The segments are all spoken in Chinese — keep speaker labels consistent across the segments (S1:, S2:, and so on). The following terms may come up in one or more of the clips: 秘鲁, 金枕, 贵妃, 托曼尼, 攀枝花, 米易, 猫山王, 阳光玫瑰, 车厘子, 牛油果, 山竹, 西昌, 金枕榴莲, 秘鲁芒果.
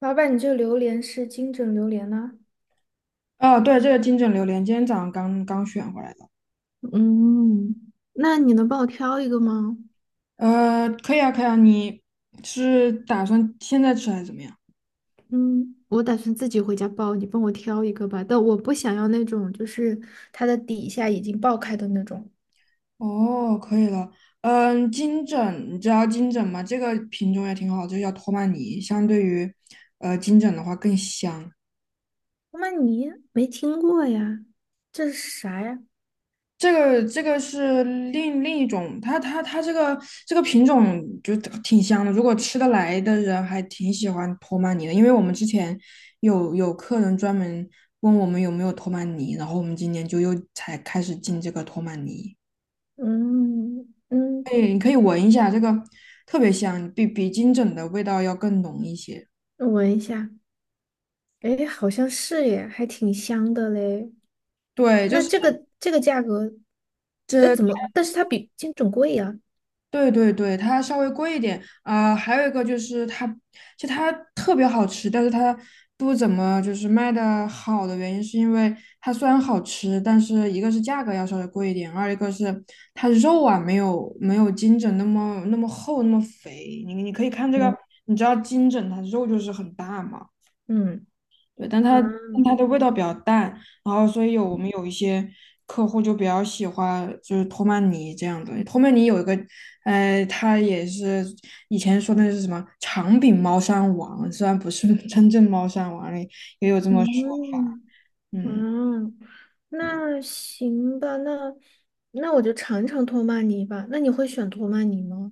S1: 老板，你这榴莲是金枕榴莲呢、
S2: 哦，对，这个金枕榴莲今天早上刚刚选回来的。
S1: 嗯，那你能帮我挑一个吗？
S2: 可以啊，可以啊，你是打算现在吃还是怎么样？
S1: 嗯，我打算自己回家包，你帮我挑一个吧。但我不想要那种就是它的底下已经爆开的那种。
S2: 哦，可以了。嗯，金枕，你知道金枕吗？这个品种也挺好，就个叫托曼尼，相对于金枕的话更香。
S1: 那你没听过呀？这是啥呀？
S2: 这个是另一种，它这个品种就挺香的，如果吃得来的人还挺喜欢托曼尼的，因为我们之前有客人专门问我们有没有托曼尼，然后我们今年就又才开始进这个托曼尼。
S1: 嗯
S2: 哎，
S1: 嗯，
S2: 你可以闻一下，这个特别香，比金枕的味道要更浓一些。
S1: 我闻一下，诶，好像是耶，还挺香的嘞。
S2: 对，就
S1: 那
S2: 是。
S1: 这个这个价格，呃，
S2: 这。
S1: 怎么？但是它比金枕贵呀、
S2: 对对对，它稍微贵一点啊、还有一个就是它，就它特别好吃，但是它不怎么就是卖的好的原因，是因为它虽然好吃，但是一个是价格要稍微贵一点，二一个是它肉啊没有金枕那么厚那么肥。你可以看这个，
S1: 嗯
S2: 你知道金枕它肉就是很大嘛。
S1: 嗯，
S2: 对，但它
S1: 嗯，
S2: 的味道比较淡，然后所以我们有一些客户就比较喜欢就是托曼尼这样的。托曼尼有一个，呃，它也是以前说那是什么长柄猫山王，虽然不是 真正猫山王，也有这么说法。
S1: 嗯
S2: 嗯，
S1: 嗯，那行吧，那我就尝尝托曼尼吧。那你会选托曼尼吗？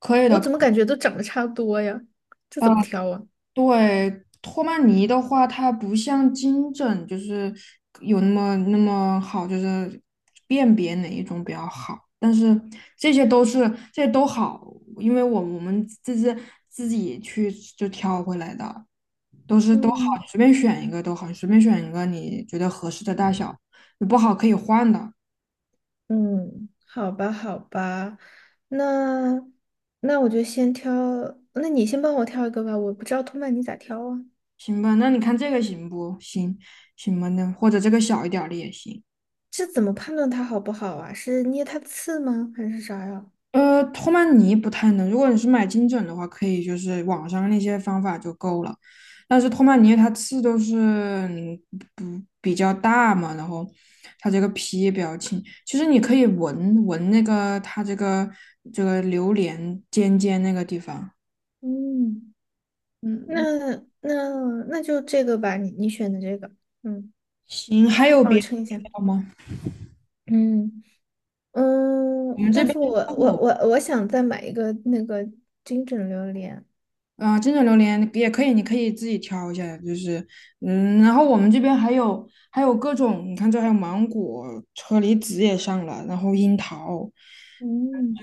S2: 可以
S1: 我
S2: 的。
S1: 怎么感觉都长得差不多呀？这怎么挑啊？
S2: 对，托曼尼的话，它不像金枕，就是有那么好，就是辨别哪一种比较好。但是这些都好，因为我们这是自己去就挑回来的，都好，你
S1: 嗯
S2: 随便选一个都好，你随便选一个你觉得合适的大小，你不好可以换的，
S1: 嗯，好吧好吧，那那我就先挑，那你先帮我挑一个吧，我不知道托曼尼咋挑啊？
S2: 行吧？那你看这个行不行？行吧，那或者这个小一点儿的也行。
S1: 这怎么判断它好不好啊？是捏它刺吗？还是啥呀？
S2: 托曼尼不太能。如果你是买金枕的话，可以就是网上那些方法就够了。但是托曼尼它刺都是不比较大嘛，然后它这个皮也比较轻。其实你可以闻闻那个它这个这个榴莲尖尖那个地方。
S1: 嗯，
S2: 嗯，嗯，
S1: 那那就这个吧，你选的这个。嗯。
S2: 行，还有
S1: 帮我
S2: 别的
S1: 称一
S2: 需
S1: 下。
S2: 要吗？
S1: 嗯
S2: 我
S1: 嗯，
S2: 们这
S1: 但
S2: 边
S1: 是我想再买一个那个金枕榴莲。
S2: 啊、真的榴莲也可以，你可以自己挑一下，就是，嗯，然后我们这边还有各种，你看这还有芒果、车厘子也上了，然后樱桃，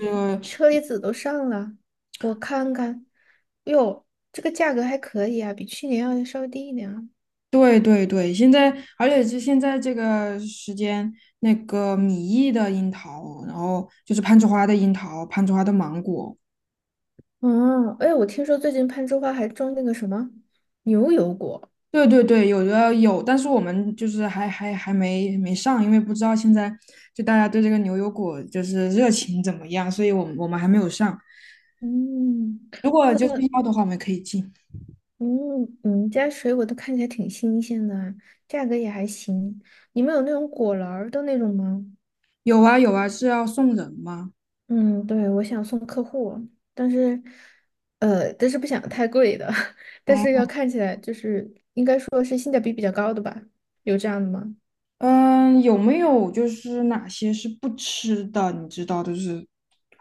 S2: 这个
S1: 车厘子都上了，我看看，哟，这个价格还可以啊，比去年要稍微低一点啊。
S2: 对对对，现在而且是现在这个时间，那个米易的樱桃，然后就是攀枝花的樱桃、攀枝花的芒果，
S1: 哦，哎，我听说最近攀枝花还种那个什么牛油果。
S2: 对对对，有的有，但是我们就是还没上，因为不知道现在就大家对这个牛油果就是热情怎么样，所以我们还没有上。
S1: 嗯，
S2: 如
S1: 那
S2: 果就是要的话，我们可以进。
S1: 嗯，你们家水果都看起来挺新鲜的啊，价格也还行。你们有那种果篮儿的那种吗？
S2: 有啊有啊，是要送人吗？
S1: 嗯，对，我想送客户，但是，但是不想太贵的，但是
S2: 哦，
S1: 要看起来就是应该说是性价比比较高的吧？有这样的吗？
S2: 嗯，有没有就是哪些是不吃的？你知道，就是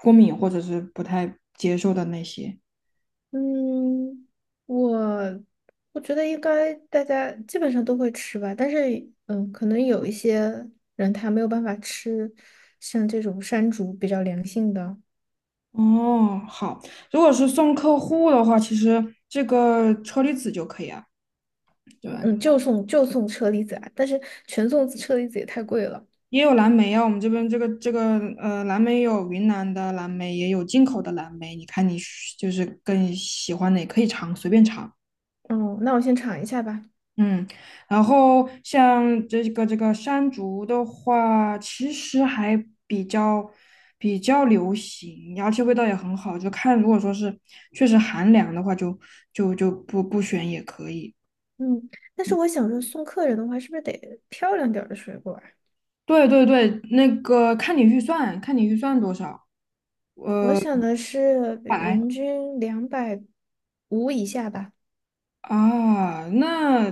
S2: 过敏或者是不太接受的那些。
S1: 嗯，我我觉得应该大家基本上都会吃吧，但是嗯，可能有一些人他没有办法吃像这种山竹比较良性的，
S2: 哦，好，如果是送客户的话，其实这个车厘子就可以啊。对吧？
S1: 嗯，嗯就送就送车厘子啊，但是全送车厘子也太贵了。
S2: 也有蓝莓啊，我们这边这个蓝莓有云南的蓝莓，也有进口的蓝莓。你看就是更喜欢哪，可以尝，随便尝。
S1: 哦，那我先尝一下吧。
S2: 嗯，然后像这个山竹的话，其实还比较比较流行，而且味道也很好。就看如果说是确实寒凉的话就不选也可以。
S1: 嗯，但是我想说，送客人的话，是不是得漂亮点儿的水果啊？
S2: 对对对，那个看你预算，看你预算多少，
S1: 我
S2: 呃，
S1: 想的是
S2: 百。
S1: 人均两百五以下吧。
S2: 啊，那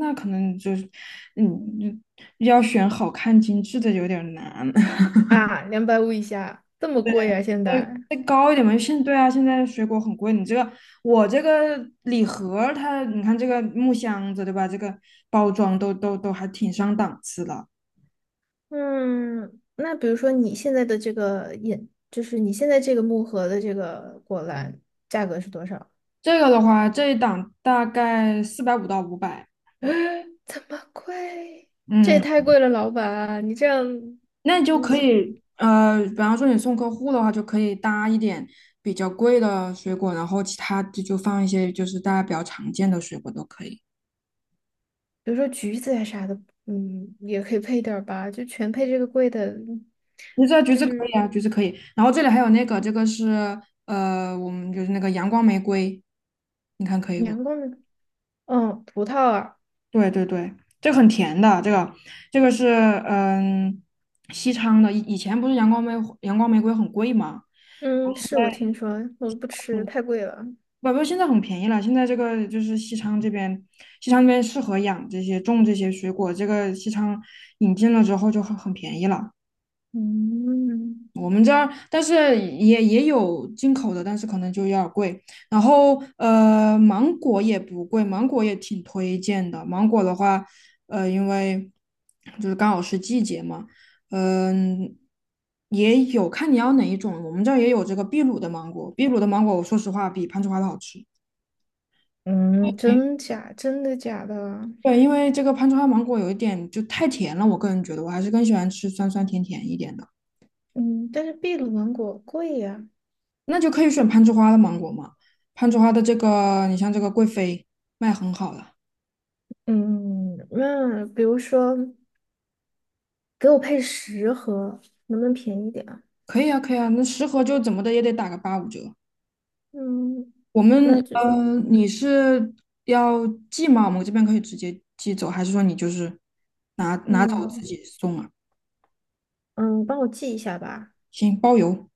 S2: 那可能就是，嗯，要选好看精致的有点儿难，
S1: 啊，两百五以下，这么贵啊，现在。
S2: 再高一点嘛。对啊，现在水果很贵，你这个我这个礼盒儿它，你看这个木箱子对吧？这个包装都还挺上档次的。
S1: 嗯，那比如说你现在的这个饮，就是你现在这个木盒的这个果篮，价格是多少？
S2: 这个的话，这一档大概450到500，
S1: 这么贵？这也
S2: 嗯，
S1: 太贵了，老板，你这样，
S2: 那你就可以，比方说你送客户的话，就可以搭一点比较贵的水果，然后其他的就放一些就是大家比较常见的水果都可以。
S1: 比如说橘子呀啥的，嗯，也可以配点儿吧，就全配这个贵的，
S2: 橘子啊，橘
S1: 就
S2: 子可
S1: 是。
S2: 以啊，橘子可以。然后这里还有那个，这个是我们就是那个阳光玫瑰，你看可以不？
S1: 年糕是，嗯，葡萄啊，
S2: 对对对，这个很甜的，这个这个是西昌的，以前不是阳光玫瑰很贵吗？
S1: 嗯，是我听说，我不吃，
S2: 嗯，
S1: 太贵了。
S2: 宝宝现在很便宜了。现在这个就是西昌这边，西昌那边适合养这些、种这些水果。这个西昌引进了之后就很便宜了。
S1: 嗯
S2: 我们这儿，但是也有进口的，但是可能就有点儿贵。然后芒果也不贵，芒果也挺推荐的。芒果的话，因为就是刚好是季节嘛，嗯、也有看你要哪一种。我们这儿也有这个秘鲁的芒果，秘鲁的芒果，我说实话比攀枝花的好吃。
S1: 嗯，真假？真的假的？
S2: 对，因为这个攀枝花芒果有一点就太甜了，我个人觉得我还是更喜欢吃酸酸甜甜一点的。
S1: 嗯，但是秘鲁芒果贵呀。
S2: 那就可以选攀枝花的芒果嘛，攀枝花的这个，你像这个贵妃卖很好了，
S1: 嗯，那比如说给我配10盒，能不能便宜点啊？
S2: 可以啊，可以啊，那10盒就怎么的也得打个85折。
S1: 嗯，
S2: 我们
S1: 那就
S2: 你是要寄吗？我们这边可以直接寄走，还是说你就是拿走自
S1: 嗯
S2: 己送啊？
S1: 嗯，帮我寄一下吧。
S2: 行，包邮。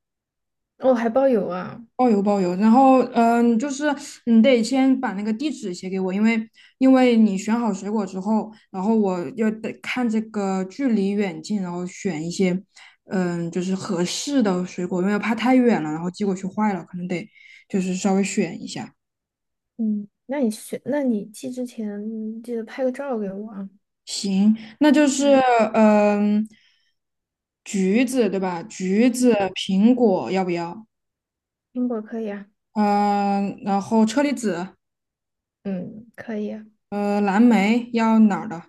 S1: 哦，还包邮啊。
S2: 包邮包邮，然后嗯，就是你得先把那个地址写给我，因为你选好水果之后，然后我要得看这个距离远近，然后选一些嗯就是合适的水果，因为怕太远了，然后寄过去坏了，可能得就是稍微选一下。
S1: 嗯，那你选，那你寄之前记得拍个照给我啊。
S2: 行，那就是
S1: 嗯
S2: 嗯橘子对吧？橘子、
S1: 嗯，
S2: 苹果要不要？
S1: 苹果可以啊。
S2: 嗯、然后车厘子、
S1: 嗯，可以啊，
S2: 蓝莓要哪儿的？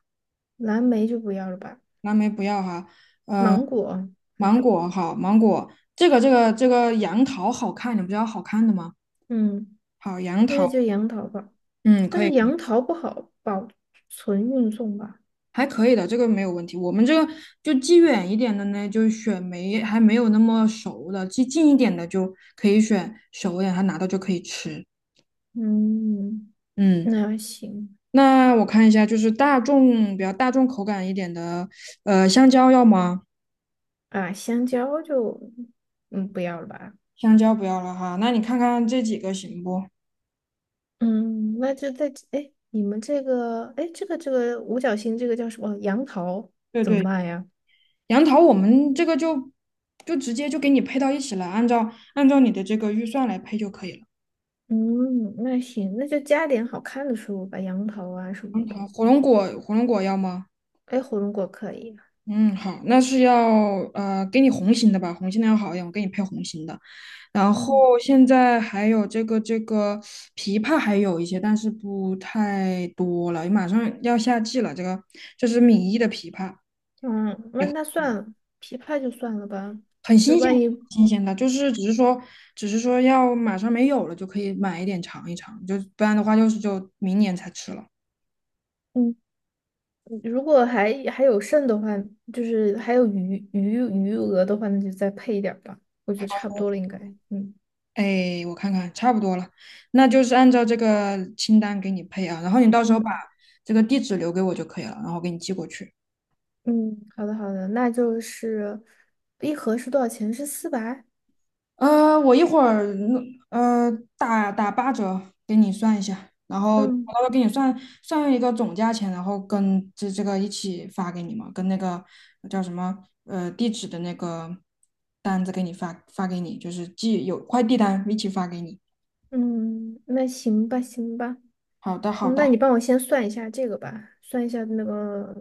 S1: 蓝莓就不要了吧，
S2: 蓝莓不要哈，呃，
S1: 芒果，
S2: 芒
S1: 哎，
S2: 果好，芒果这个这个杨桃好看，你不是要好看的吗？
S1: 嗯，
S2: 好，杨桃，
S1: 那就杨桃吧。
S2: 嗯，
S1: 但
S2: 可以，
S1: 是杨桃不好保存运送吧？
S2: 还可以的，这个没有问题。我们这个寄远一点的呢，就选没还没有那么熟的，寄近一点的就可以选熟一点，它拿到就可以吃。
S1: 嗯，
S2: 嗯，
S1: 那行
S2: 那我看一下，就是大众比较大众口感一点的，呃，香蕉要吗？
S1: 啊，香蕉就嗯不要了吧？
S2: 香蕉不要了哈，那你看看这几个行不？
S1: 嗯，那就再哎，你们这个哎，这个这个五角星这个叫什么？杨桃
S2: 对
S1: 怎么
S2: 对。
S1: 办呀？
S2: 杨桃，我们这个就就直接就给你配到一起了，按照你的这个预算来配就可以了。
S1: 嗯，那行，那就加点好看的食物吧，杨桃啊什
S2: 杨
S1: 么的。
S2: 桃，火龙果，火龙果要吗？
S1: 哎，火龙果可以啊。
S2: 嗯，好，那是要给你红心的吧，红心的要好一点，我给你配红心的。然后
S1: 嗯。
S2: 现在还有这个枇杷还有一些，但是不太多了，马上要夏季了，这个这是米一的枇杷。
S1: 嗯，那那算了，琵琶就算了吧。
S2: 很
S1: 就是
S2: 新鲜，
S1: 万一，
S2: 新鲜的，就是只是说，只是说要马上没有了就可以买一点尝一尝，就不然的话就是就明年才吃了。
S1: 嗯，如果还有剩的话，就是还有余额的话，那就再配一点儿吧。我觉得差不多了，应该。嗯
S2: 哎，我看看，差不多了，那就是按照这个清单给你配啊，然后你到时候把
S1: 嗯
S2: 这个地址留给我就可以了，然后给你寄过去。
S1: 嗯，好的好的，那就是一盒是多少钱？是400。
S2: 我一会儿弄呃打8折给你算一下，然后我到
S1: 嗯
S2: 时候给你算一个总价钱，然后跟这个一起发给你嘛，跟那个叫什么地址的那个单子给你发给你，就是寄有快递单一起发给你。
S1: 嗯，那行吧行吧，
S2: 好的，好
S1: 嗯
S2: 的，
S1: 那你帮我先算一下这个吧，算一下那个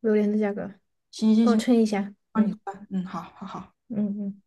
S1: 榴莲的价格，
S2: 行行
S1: 帮我
S2: 行，
S1: 称一下。
S2: 帮你
S1: 嗯
S2: 算，嗯，好好好。
S1: 嗯嗯。